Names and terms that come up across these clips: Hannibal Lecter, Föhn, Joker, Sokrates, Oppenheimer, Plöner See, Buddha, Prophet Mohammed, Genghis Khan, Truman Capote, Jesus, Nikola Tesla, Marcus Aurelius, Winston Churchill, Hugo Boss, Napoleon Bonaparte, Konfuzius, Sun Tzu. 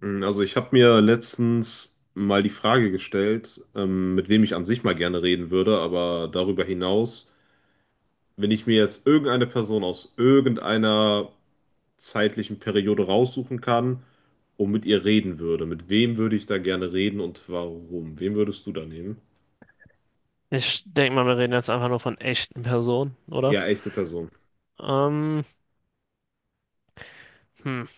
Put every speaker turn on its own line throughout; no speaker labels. Also ich habe mir letztens mal die Frage gestellt, mit wem ich an sich mal gerne reden würde, aber darüber hinaus, wenn ich mir jetzt irgendeine Person aus irgendeiner zeitlichen Periode raussuchen kann und mit ihr reden würde, mit wem würde ich da gerne reden und warum? Wen würdest du da nehmen?
Ich denke mal, wir reden jetzt einfach nur von echten Personen, oder?
Ja, echte Person.
Ähm, hm.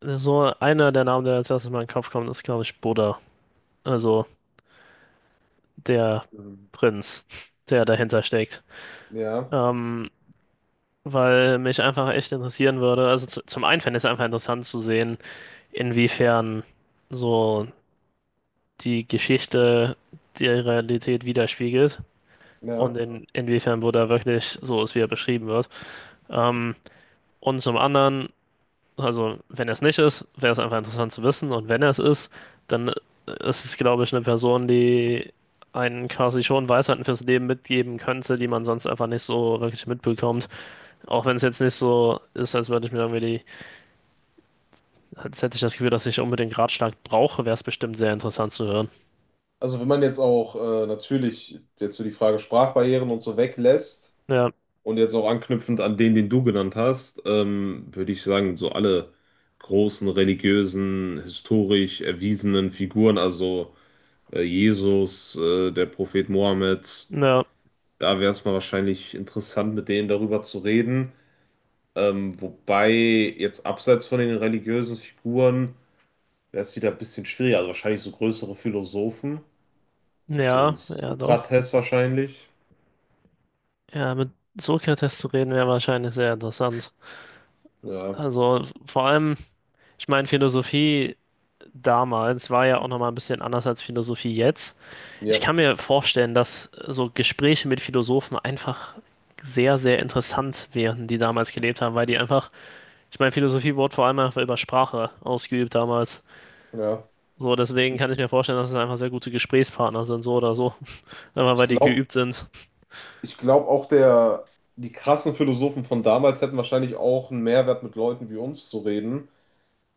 So einer der Namen, der als erstes mal in den Kopf kommt, ist, glaube ich, Buddha. Also der
Mhm.
Prinz, der dahinter steckt.
Ja,
Ähm, weil mich einfach echt interessieren würde. Also zum einen fände ich es einfach interessant zu sehen, inwiefern so die Geschichte die Realität widerspiegelt. Und
ja.
inwiefern Buddha wirklich so ist, wie er beschrieben wird. Ähm, und zum anderen, also, wenn er es nicht ist, wäre es einfach interessant zu wissen. Und wenn er es ist, dann ist es, glaube ich, eine Person, die einen quasi schon Weisheiten fürs Leben mitgeben könnte, die man sonst einfach nicht so wirklich mitbekommt. Auch wenn es jetzt nicht so ist, als würde ich mir irgendwie als hätte ich das Gefühl, dass ich unbedingt Ratschlag brauche, wäre es bestimmt sehr interessant zu hören.
Also wenn man jetzt auch natürlich jetzt für die Frage Sprachbarrieren und so weglässt,
Ja,
und jetzt auch anknüpfend an den du genannt hast, würde ich sagen, so alle großen religiösen, historisch erwiesenen Figuren, also Jesus, der Prophet Mohammed,
ja,
da wäre es mal wahrscheinlich interessant, mit denen darüber zu reden. Wobei jetzt abseits von den religiösen Figuren wäre es wieder ein bisschen schwieriger, also wahrscheinlich so größere Philosophen, so ein
ja, ja, doch.
Sokrates wahrscheinlich.
Ja, mit Sokrates zu reden wäre wahrscheinlich sehr interessant.
Ja,
Also, vor allem, ich meine, Philosophie damals war ja auch nochmal ein bisschen anders als Philosophie jetzt. Ich
ja,
kann mir vorstellen, dass so Gespräche mit Philosophen einfach sehr, sehr interessant wären, die damals gelebt haben, weil die einfach, ich meine, Philosophie wurde vor allem einfach über Sprache ausgeübt damals.
ja.
So, deswegen kann ich mir vorstellen, dass es einfach sehr gute Gesprächspartner sind, so oder so. Einfach
Ich
weil die
glaube,
geübt sind.
ich glaube auch der, die krassen Philosophen von damals hätten wahrscheinlich auch einen Mehrwert mit Leuten wie uns zu reden,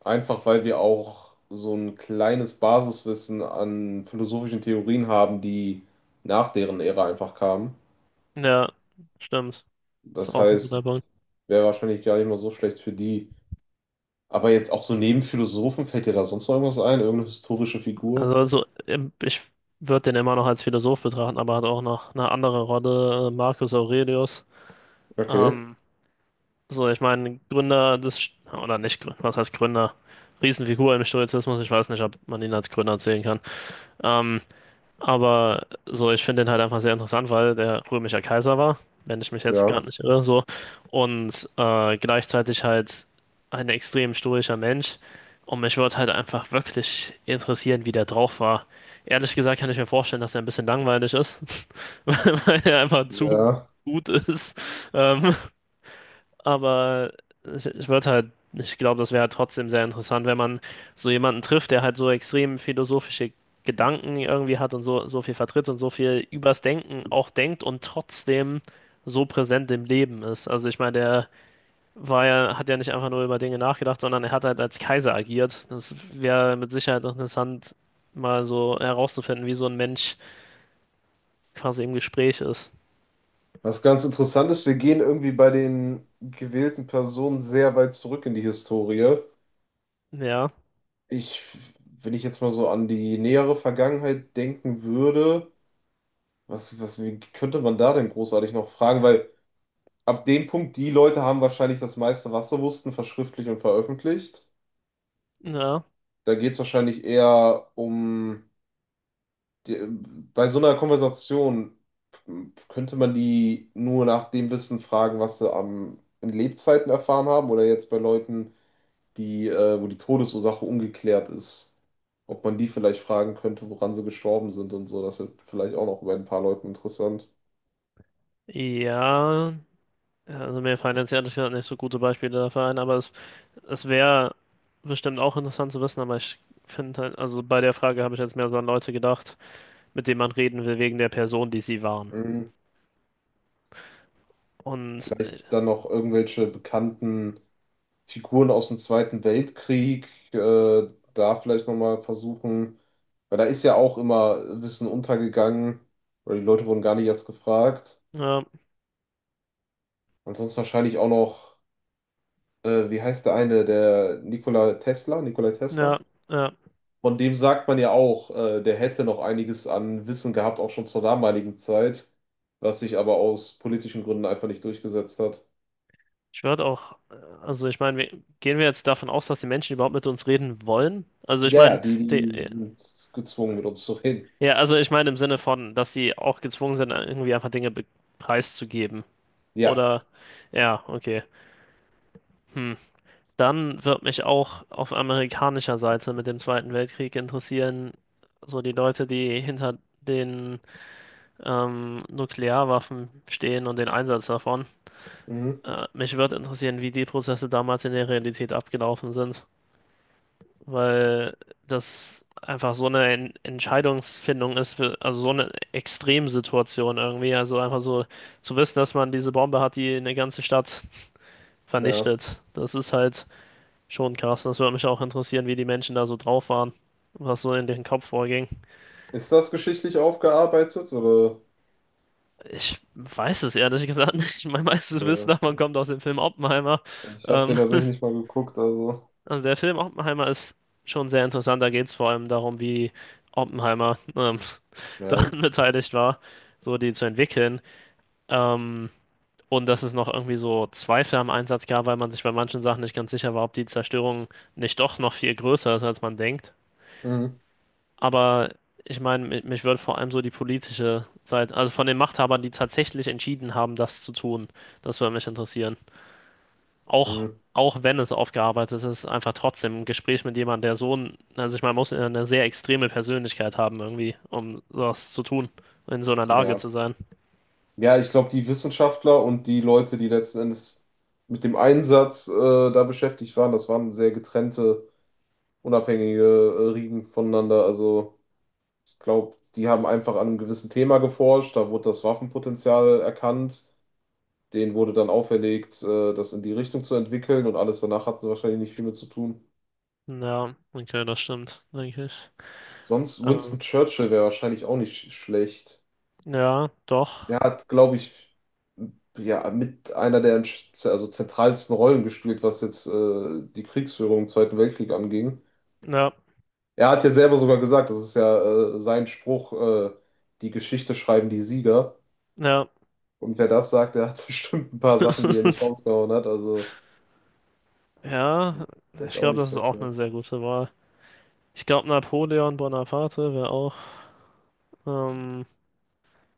einfach weil wir auch so ein kleines Basiswissen an philosophischen Theorien haben, die nach deren Ära einfach kamen.
Ja, stimmt. Ist
Das
auch ein guter
heißt,
Punkt.
wäre wahrscheinlich gar nicht mal so schlecht für die. Aber jetzt auch so neben Philosophen, fällt dir da sonst noch irgendwas ein? Irgendeine historische
Also,
Figur?
also ähm, ich würde den immer noch als Philosoph betrachten, aber hat auch noch eine andere Rolle, Marcus Aurelius.
Okay,
Ähm, So ich meine, Gründer des, oder nicht Gründer, was heißt Gründer? Riesenfigur im Stoizismus, ich weiß nicht, ob man ihn als Gründer zählen kann. Ähm, aber so, ich finde den halt einfach sehr interessant, weil der römischer Kaiser war, wenn ich mich jetzt
ja.
gerade nicht irre, so. Und gleichzeitig halt ein extrem stoischer Mensch. Und mich würde halt einfach wirklich interessieren, wie der drauf war. Ehrlich gesagt kann ich mir vorstellen, dass er ein bisschen langweilig ist, weil er einfach zu
Ja.
gut ist. Ähm, aber ich würde halt, ich glaube, das wäre halt trotzdem sehr interessant, wenn man so jemanden trifft, der halt so extrem philosophische Gedanken irgendwie hat und so, so viel vertritt und so viel übers Denken auch denkt und trotzdem so präsent im Leben ist. Also ich meine, hat ja nicht einfach nur über Dinge nachgedacht, sondern er hat halt als Kaiser agiert. Das wäre mit Sicherheit noch interessant, mal so herauszufinden, wie so ein Mensch quasi im Gespräch ist.
Was ganz interessant ist, wir gehen irgendwie bei den gewählten Personen sehr weit zurück in die Historie.
Ja,
Ich, wenn ich jetzt mal so an die nähere Vergangenheit denken würde, wie könnte man da denn großartig noch fragen? Weil ab dem Punkt, die Leute haben wahrscheinlich das meiste, was sie wussten, verschriftlicht und veröffentlicht.
ja,
Da geht es wahrscheinlich eher um, die, bei so einer Konversation könnte man die nur nach dem Wissen fragen, was sie in Lebzeiten erfahren haben oder jetzt bei Leuten, die, wo die Todesursache ungeklärt ist. Ob man die vielleicht fragen könnte, woran sie gestorben sind und so. Das wird vielleicht auch noch bei ein paar Leuten interessant.
ja. Ja, also mir fallen jetzt ehrlich gesagt nicht so gute Beispiele dafür ein, es wäre bestimmt auch interessant zu wissen, aber ich finde halt, also bei der Frage habe ich jetzt mehr so an Leute gedacht, mit denen man reden will, wegen der Person, die sie waren.
Mhm.
Und
Vielleicht dann noch irgendwelche bekannten Figuren aus dem Zweiten Weltkrieg, da vielleicht nochmal versuchen, weil da ist ja auch immer Wissen untergegangen oder die Leute wurden gar nicht erst gefragt.
ja,
Und sonst wahrscheinlich auch noch, wie heißt der eine, der Nikola Tesla, Nikola
ja,
Tesla?
ja.
Von dem sagt man ja auch, der hätte noch einiges an Wissen gehabt, auch schon zur damaligen Zeit, was sich aber aus politischen Gründen einfach nicht durchgesetzt hat.
Ich würde auch, also ich meine, gehen wir jetzt davon aus, dass die Menschen überhaupt mit uns reden wollen? Also ich
Ja, ja,
meine,
die,
die-
die sind gezwungen, mit uns zu reden.
ja, also ich meine im Sinne von, dass sie auch gezwungen sind, irgendwie einfach Dinge preiszugeben.
Ja.
Oder, ja, okay. Hm. Dann wird mich auch auf amerikanischer Seite mit dem Zweiten Weltkrieg interessieren, so die Leute, die hinter den Nuklearwaffen stehen und den Einsatz davon.
Mhm.
Mich würde interessieren, wie die Prozesse damals in der Realität abgelaufen sind, weil das einfach so eine Entscheidungsfindung ist, für, also so eine Extremsituation irgendwie. Also einfach so zu wissen, dass man diese Bombe hat, die eine ganze Stadt
Ja.
vernichtet. Das ist halt schon krass, das würde mich auch interessieren, wie die Menschen da so drauf waren, was so in deren Kopf vorging.
Ist das geschichtlich aufgearbeitet oder?
Ich weiß es ehrlich gesagt nicht. Mein meistes Wissen
Ja.
davon kommt aus dem Film Oppenheimer.
Ich habe den
Ähm,
tatsächlich nicht mal geguckt, also.
also der Film Oppenheimer ist schon sehr interessant. Da geht es vor allem darum, wie Oppenheimer
Ja.
daran beteiligt war, so die zu entwickeln. Ähm, und dass es noch irgendwie so Zweifel am Einsatz gab, weil man sich bei manchen Sachen nicht ganz sicher war, ob die Zerstörung nicht doch noch viel größer ist, als man denkt.
Mhm.
Aber ich meine, mich würde vor allem so die politische Seite, also von den Machthabern, die tatsächlich entschieden haben, das zu tun, das würde mich interessieren. Auch,
Mhm.
auch wenn es aufgearbeitet ist, einfach trotzdem ein Gespräch mit jemandem, der so ein, also ich meine, muss ja eine sehr extreme Persönlichkeit haben irgendwie, um sowas zu tun, in so einer Lage
Ja.
zu sein.
Ja, ich glaube, die Wissenschaftler und die Leute, die letzten Endes mit dem Einsatz da beschäftigt waren, das waren sehr getrennte unabhängige Riegen voneinander. Also ich glaube, die haben einfach an einem gewissen Thema geforscht, da wurde das Waffenpotenzial erkannt, denen wurde dann auferlegt, das in die Richtung zu entwickeln und alles danach hatten sie wahrscheinlich nicht viel mit zu tun.
Ja, okay, das stimmt, denke ich.
Sonst
Ähm,
Winston Churchill wäre wahrscheinlich auch nicht schlecht.
ja, doch.
Der hat, glaube ich, ja, mit einer der also zentralsten Rollen gespielt, was jetzt die Kriegsführung im Zweiten Weltkrieg anging.
Ja,
Er hat ja selber sogar gesagt, das ist ja sein Spruch, die Geschichte schreiben die Sieger.
ja.
Und wer das sagt, der hat bestimmt ein paar Sachen, die er nicht rausgehauen hat. Also
Ja,
vielleicht
ich
auch
glaube,
nicht
das ist auch eine
verkehrt.
sehr gute Wahl. Ich glaube, Napoleon Bonaparte wäre auch, ähm,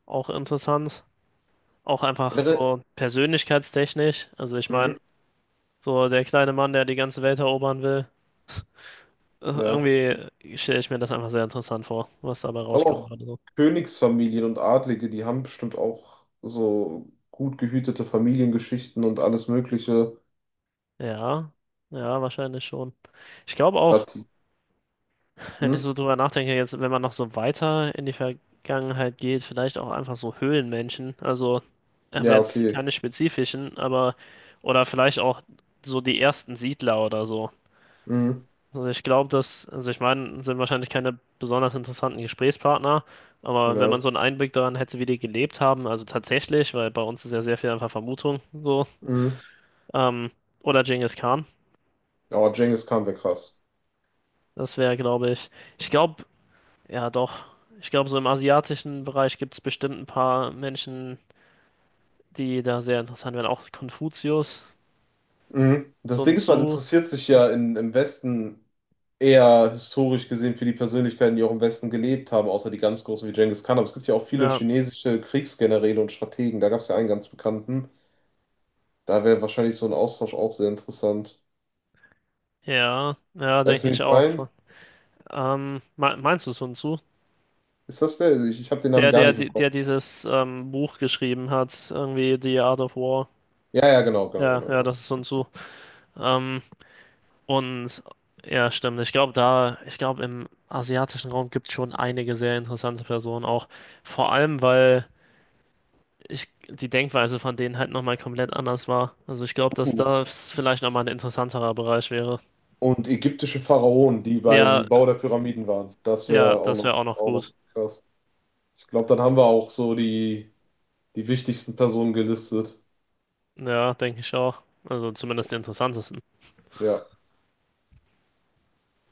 auch interessant. Auch einfach
Generell,
so persönlichkeitstechnisch. Also ich
mhm,
meine, so der kleine Mann, der die ganze Welt erobern will. Äh,
ja.
Irgendwie stelle ich mir das einfach sehr interessant vor, was dabei
Ich glaube
rauskommen
auch
würde, so.
Königsfamilien und Adlige, die haben bestimmt auch so gut gehütete Familiengeschichten und alles Mögliche.
Ja, ja, wahrscheinlich schon. Ich glaube auch,
Grad,
wenn ich
hm?
so drüber nachdenke, jetzt, wenn man noch so weiter in die Vergangenheit geht, vielleicht auch einfach so Höhlenmenschen. Also, aber
Ja,
jetzt
okay.
keine spezifischen, aber, oder vielleicht auch so die ersten Siedler oder so.
Mhm,
Also ich glaube, dass, also ich meine, sind wahrscheinlich keine besonders interessanten Gesprächspartner, aber wenn man
ja.
so einen Einblick daran hätte, wie die gelebt haben, also tatsächlich, weil bei uns ist ja sehr viel einfach Vermutung so,
Mhm.
ähm, oder Genghis Khan,
Aber Genghis Khan wäre krass.
das wäre, glaube ich, ich glaube, ja, doch. Ich glaube, so im asiatischen Bereich gibt es bestimmt ein paar Menschen, die da sehr interessant werden. Auch Konfuzius,
Mhm. Das
Sun
Ding ist, man
Tzu.
interessiert sich ja in, im Westen eher historisch gesehen für die Persönlichkeiten, die auch im Westen gelebt haben, außer die ganz großen wie Genghis Khan. Aber es gibt ja auch viele
Ja,
chinesische Kriegsgeneräle und Strategen. Da gab es ja einen ganz bekannten. Da wäre wahrscheinlich so ein Austausch auch sehr interessant.
ja, ja,
Weißt du,
denke
wen
ich
ich meine?
auch. Meinst du Sun Tzu?
Ist das der? Ich habe den Namen
Der,
gar
der,
nicht im
der
Kopf.
dieses Buch geschrieben hat, irgendwie The Art of War.
Ja, ja, genau, genau,
Ja,
genau,
ja,
genau.
das ist Sun Tzu. Ähm, und ja, stimmt. Ich glaube, im asiatischen Raum gibt es schon einige sehr interessante Personen auch. Vor allem, weil ich, die Denkweise von denen halt nochmal komplett anders war. Also ich glaube, dass
Uh.
das vielleicht nochmal ein interessanterer Bereich wäre.
Und ägyptische Pharaonen, die
Ja,
beim Bau der Pyramiden waren. Das
ja,
wäre
das wäre auch noch
auch noch
gut.
krass. Ich glaube, dann haben wir auch so die, die wichtigsten Personen gelistet.
Ja, denke ich auch. Also zumindest die interessantesten.
Ja.